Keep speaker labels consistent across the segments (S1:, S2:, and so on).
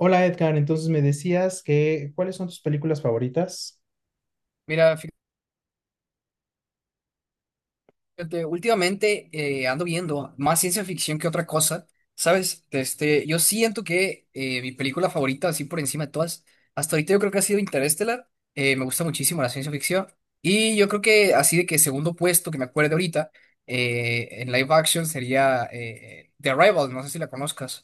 S1: Hola Edgar, entonces me decías que ¿cuáles son tus películas favoritas?
S2: Mira, fíjate, últimamente ando viendo más ciencia ficción que otra cosa, ¿sabes? Este, yo siento que mi película favorita, así por encima de todas, hasta ahorita yo creo que ha sido Interstellar. Me gusta muchísimo la ciencia ficción. Y yo creo que así de que segundo puesto que me acuerdo ahorita en live action sería The Arrival, no sé si la conozcas.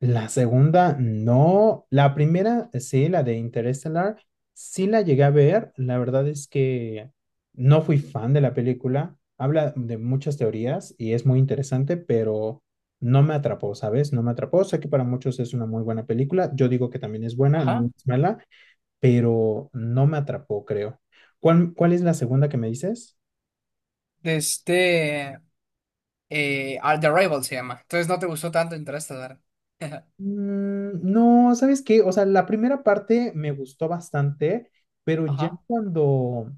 S1: La segunda, no. La primera, sí, la de Interstellar, sí la llegué a ver. La verdad es que no fui fan de la película. Habla de muchas teorías y es muy interesante, pero no me atrapó, ¿sabes? No me atrapó. Sé que para muchos es una muy buena película. Yo digo que también es buena, no
S2: Ajá.
S1: es mala, pero no me atrapó, creo. ¿Cuál es la segunda que me dices?
S2: De este, The Arrival se llama. Entonces no te gustó tanto Interstellar.
S1: Mm, no, ¿sabes qué? O sea, la primera parte me gustó bastante, pero ya
S2: Ajá,
S1: cuando,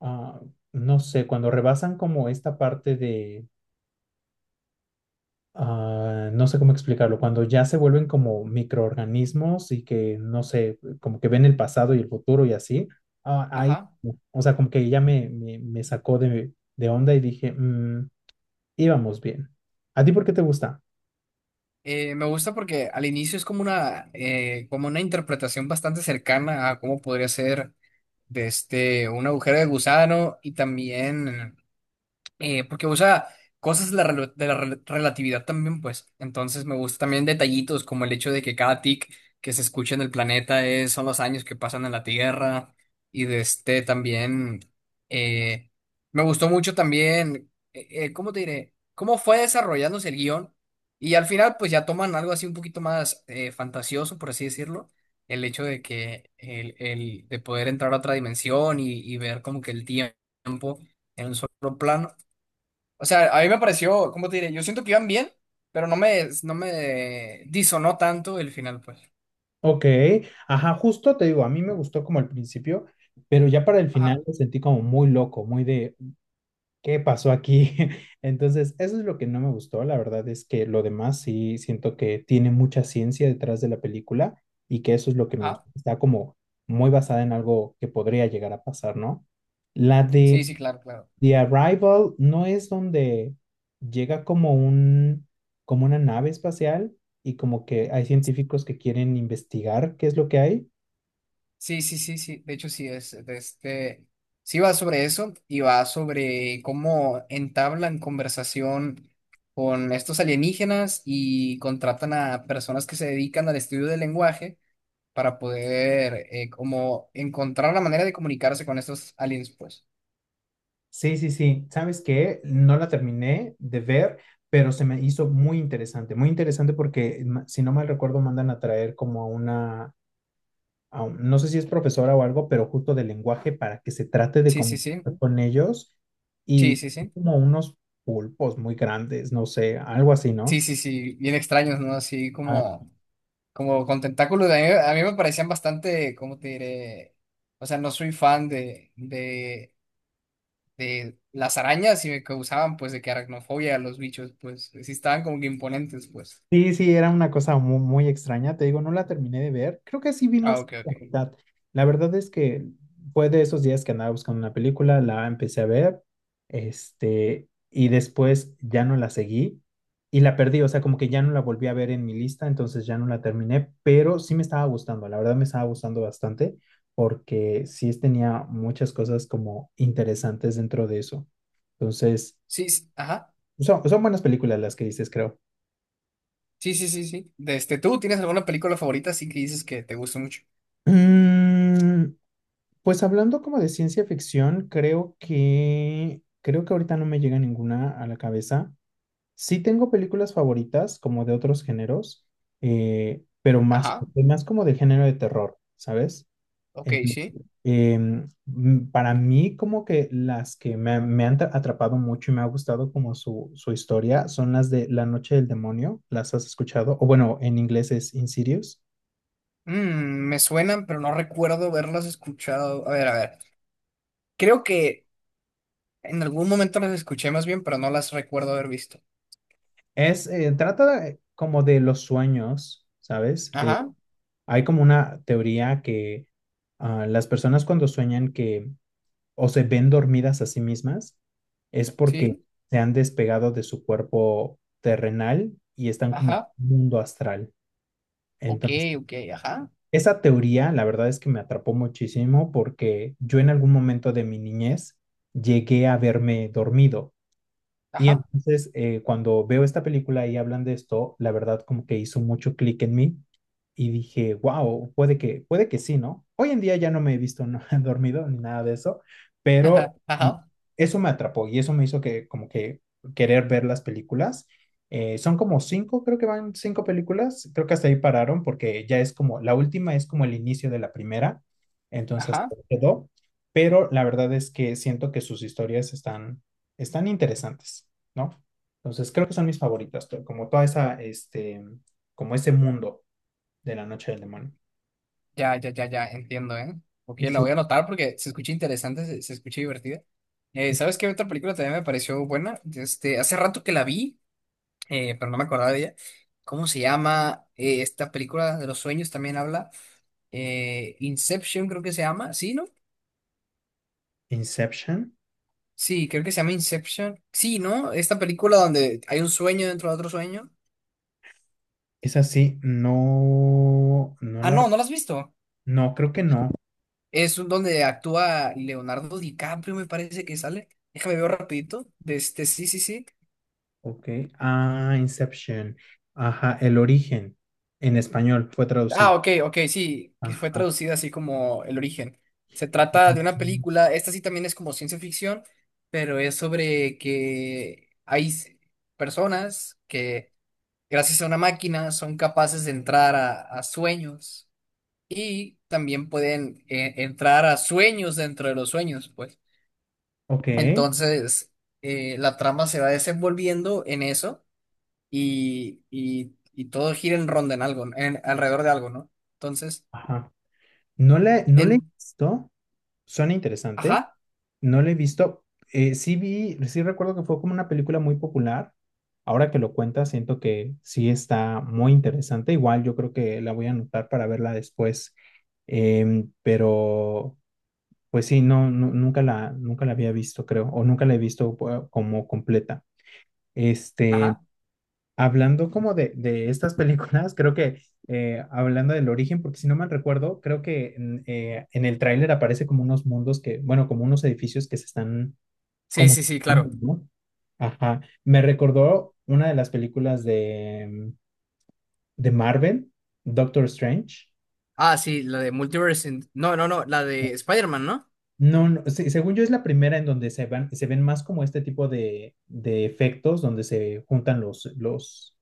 S1: ah, no sé, cuando rebasan como esta parte de, no sé cómo explicarlo, cuando ya se vuelven como microorganismos y que, no sé, como que ven el pasado y el futuro y así, ahí,
S2: ajá.
S1: o sea, como que ya me sacó de onda y dije, "Mm, íbamos bien. ¿A ti por qué te gusta?"
S2: Me gusta porque al inicio es como una interpretación bastante cercana a cómo podría ser de este, un agujero de gusano y también porque usa cosas de la relatividad también, pues. Entonces me gustan también detallitos como el hecho de que cada tic que se escucha en el planeta son los años que pasan en la Tierra y de este también eh, me gustó mucho también, ¿cómo te diré? Cómo fue desarrollándose el guión y al final pues ya toman algo así un poquito más fantasioso, por así decirlo. El hecho de que el de poder entrar a otra dimensión y ver como que el tiempo en un solo plano. O sea, a mí me pareció, ¿cómo te diré? Yo siento que iban bien, pero no me disonó tanto el final, pues.
S1: Ok, ajá, justo te digo, a mí me gustó como al principio, pero ya para el final
S2: Ajá,
S1: me sentí como muy loco, muy de, ¿qué pasó aquí? Entonces, eso es lo que no me gustó, la verdad es que lo demás sí siento que tiene mucha ciencia detrás de la película y que eso es lo que me
S2: ajá.
S1: gustó, está como muy basada en algo que podría llegar a pasar, ¿no? La de
S2: Sí, sí, claro, claro.
S1: The Arrival, ¿no es donde llega como un, como una nave espacial y como que hay científicos que quieren investigar qué es lo que hay?
S2: Sí, sí, sí, sí. De hecho, sí, es de este. Sí va sobre eso y va sobre cómo entablan conversación con estos alienígenas y contratan a personas que se dedican al estudio del lenguaje para poder como encontrar la manera de comunicarse con estos aliens, pues.
S1: Sí, sí, sí. ¿Sabes qué? No la terminé de ver, pero se me hizo muy interesante porque, si no mal recuerdo, mandan a traer como a una, no sé si es profesora o algo, pero justo de lenguaje para que se trate de
S2: Sí, sí, sí.
S1: comunicar con ellos
S2: Sí,
S1: y
S2: sí, sí.
S1: como unos pulpos muy grandes, no sé, algo así,
S2: Sí,
S1: ¿no?
S2: sí, sí, bien extraños, ¿no? Así como con tentáculos. A mí me parecían bastante, ¿cómo te diré? O sea, no soy fan de las arañas y me causaban, pues, de que aracnofobia a los bichos, pues, sí estaban como que imponentes, pues.
S1: Sí, sí, era una cosa muy, muy extraña. Te digo, no la terminé de ver. Creo que sí vi
S2: Ah,
S1: más
S2: ok,
S1: de la
S2: ok.
S1: mitad. La verdad es que fue de esos días que andaba buscando una película, la empecé a ver, y después ya no la seguí y la perdí. O sea, como que ya no la volví a ver en mi lista, entonces ya no la terminé, pero sí me estaba gustando. La verdad me estaba gustando bastante porque sí tenía muchas cosas como interesantes dentro de eso. Entonces,
S2: Sí, sí, ajá.
S1: son buenas películas las que dices, creo.
S2: Sí, sí, sí, sí. De este, ¿tú tienes alguna película favorita así que dices que te gusta mucho?
S1: Mm, pues hablando como de ciencia ficción, creo que ahorita no me llega ninguna a la cabeza. Sí tengo películas favoritas como de otros géneros, pero más,
S2: Ajá,
S1: más como del género de terror, ¿sabes?
S2: ok,
S1: Entonces,
S2: sí.
S1: para mí como que las que me han atrapado mucho y me ha gustado como su historia son las de La Noche del Demonio, ¿las has escuchado? O bueno, en inglés es Insidious.
S2: Mm, me suenan, pero no recuerdo haberlas escuchado. A ver, a ver. Creo que. En algún momento las escuché más bien, pero no las recuerdo haber visto.
S1: Es, como de los sueños, ¿sabes?
S2: Ajá,
S1: Hay como una teoría que las personas cuando sueñan que o se ven dormidas a sí mismas es porque
S2: sí,
S1: se han despegado de su cuerpo terrenal y están como en
S2: ajá,
S1: un mundo astral.
S2: ok,
S1: Entonces,
S2: ok, ajá,
S1: esa teoría, la verdad es que me atrapó muchísimo porque yo en algún momento de mi niñez llegué a verme dormido. Y
S2: ajá,
S1: entonces, cuando veo esta película y hablan de esto, la verdad como que hizo mucho clic en mí y dije, wow, puede que sí, ¿no? Hoy en día ya no me he visto no, dormido ni nada de eso, pero
S2: ajá, ajá,
S1: eso me atrapó y eso me hizo que como que querer ver las películas. Son como cinco, creo que van cinco películas, creo que hasta ahí pararon porque ya es como, la última es como el inicio de la primera, entonces
S2: ajá.
S1: quedó, pero la verdad es que siento que sus historias están, están interesantes, ¿no? Entonces creo que son mis favoritas, pero como toda esa, como ese mundo de La Noche del Demonio.
S2: Ya, ya, ya, ya, entiendo, ¿eh? Ok, la
S1: Sí.
S2: voy a anotar porque se escucha interesante, se escucha divertida. ¿Sabes qué otra película también me pareció buena? Este, hace rato que la vi, pero no me acordaba de ella. ¿Cómo se llama? Esta película de los sueños también habla. Inception creo que se llama, ¿sí, no?
S1: Inception,
S2: Sí, creo que se llama Inception. Sí, ¿no? Esta película donde hay un sueño dentro de otro sueño.
S1: esa sí,
S2: Ah, no, ¿no la has visto?
S1: no, creo que no.
S2: Es donde actúa Leonardo DiCaprio, me parece que sale. Déjame ver rapidito. De este, sí, sí, sí.
S1: Ok, ah, Inception, ajá, el origen en español fue traducido.
S2: Ah, ok, ok, sí, que fue
S1: Ajá.
S2: traducida así como El origen. Se trata de una película, esta sí también es como ciencia ficción, pero es sobre que hay personas que gracias a una máquina son capaces de entrar a sueños y también pueden entrar a sueños dentro de los sueños, pues.
S1: Ok,
S2: Entonces, la trama se va desenvolviendo en eso y todo gira en ronda en algo, alrededor de algo, ¿no? Entonces,
S1: ajá. No la he
S2: en...
S1: visto, suena interesante.
S2: Ajá,
S1: No la he visto. Sí vi, sí recuerdo que fue como una película muy popular. Ahora que lo cuentas, siento que sí está muy interesante. Igual yo creo que la voy a anotar para verla después. Em, pero pues sí, nunca la, nunca la había visto, creo, o nunca la he visto como completa. Este,
S2: ajá.
S1: hablando como de estas películas, creo que hablando del origen, porque si no mal recuerdo, creo que en el tráiler aparece como unos mundos que, bueno, como unos edificios que se están
S2: Sí,
S1: como
S2: sí, sí, claro.
S1: Thanos, ¿no? Ajá. Me recordó una de las películas de, mm, de Marvel, Doctor Strange.
S2: Ah, sí, la de Multiverse. No, no, no, la de Spider-Man, ¿no?
S1: No, no, según yo es la primera en donde se van, se ven más como este tipo de efectos, donde se juntan los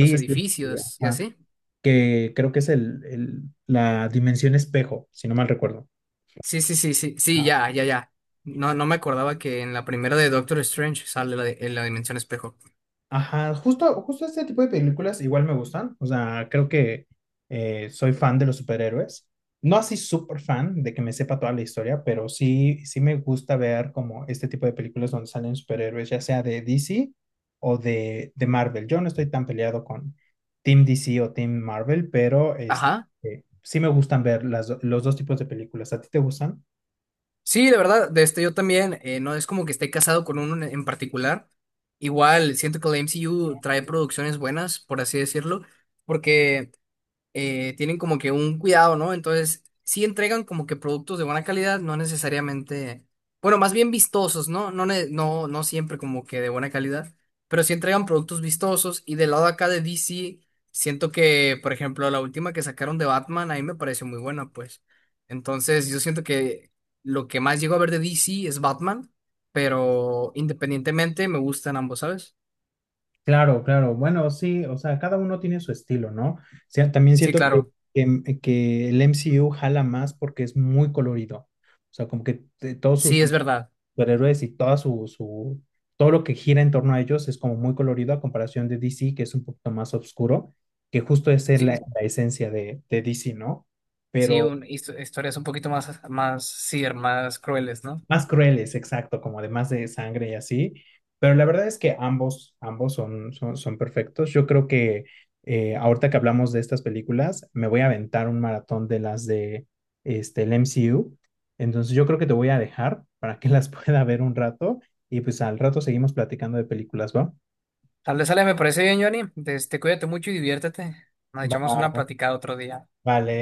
S2: Los
S1: y,
S2: edificios y
S1: ajá,
S2: así.
S1: que creo que es la dimensión espejo, si no mal recuerdo.
S2: Sí, sí, sí, sí, sí, ya, ya, ya. No, no me acordaba que en la primera de Doctor Strange sale en la dimensión espejo.
S1: Ajá, justo este tipo de películas igual me gustan. O sea, creo que soy fan de los superhéroes. No así súper fan de que me sepa toda la historia, pero sí, sí me gusta ver como este tipo de películas donde salen superhéroes, ya sea de DC o de Marvel. Yo no estoy tan peleado con Team DC o Team Marvel, pero este,
S2: Ajá.
S1: sí me gustan ver las los dos tipos de películas. ¿A ti te gustan?
S2: Sí, de verdad, de este yo también, no es como que esté casado con uno en particular. Igual, siento que la MCU trae producciones buenas, por así decirlo, porque tienen como que un cuidado, ¿no? Entonces, sí entregan como que productos de buena calidad, no necesariamente, bueno, más bien vistosos, ¿no? No, no siempre como que de buena calidad, pero sí entregan productos vistosos y del lado acá de DC, siento que, por ejemplo, la última que sacaron de Batman, a mí me pareció muy buena, pues. Entonces, yo siento que lo que más llego a ver de DC es Batman, pero independientemente me gustan ambos, ¿sabes?
S1: Claro, claro. Bueno, sí, o sea, cada uno tiene su estilo, ¿no? O sea, también
S2: Sí,
S1: siento que,
S2: claro,
S1: que el MCU jala más porque es muy colorido. O sea, como que todos
S2: sí,
S1: sus
S2: es verdad.
S1: superhéroes y toda todo lo que gira en torno a ellos es como muy colorido a comparación de DC, que es un poquito más oscuro, que justo es la,
S2: Sí,
S1: la esencia de DC, ¿no?
S2: sí,
S1: Pero
S2: historias un poquito más, sí, más crueles, ¿no?
S1: más crueles, exacto, como además de sangre y así. Pero la verdad es que ambos, ambos son, son perfectos. Yo creo que ahorita que hablamos de estas películas, me voy a aventar un maratón de las de este, el MCU. Entonces yo creo que te voy a dejar para que las pueda ver un rato y pues al rato seguimos platicando de películas, ¿va?
S2: Tal vez, Ale, me parece bien, Johnny. Este, cuídate mucho y diviértete. Nos
S1: Va,
S2: echamos una platicada otro día.
S1: vale.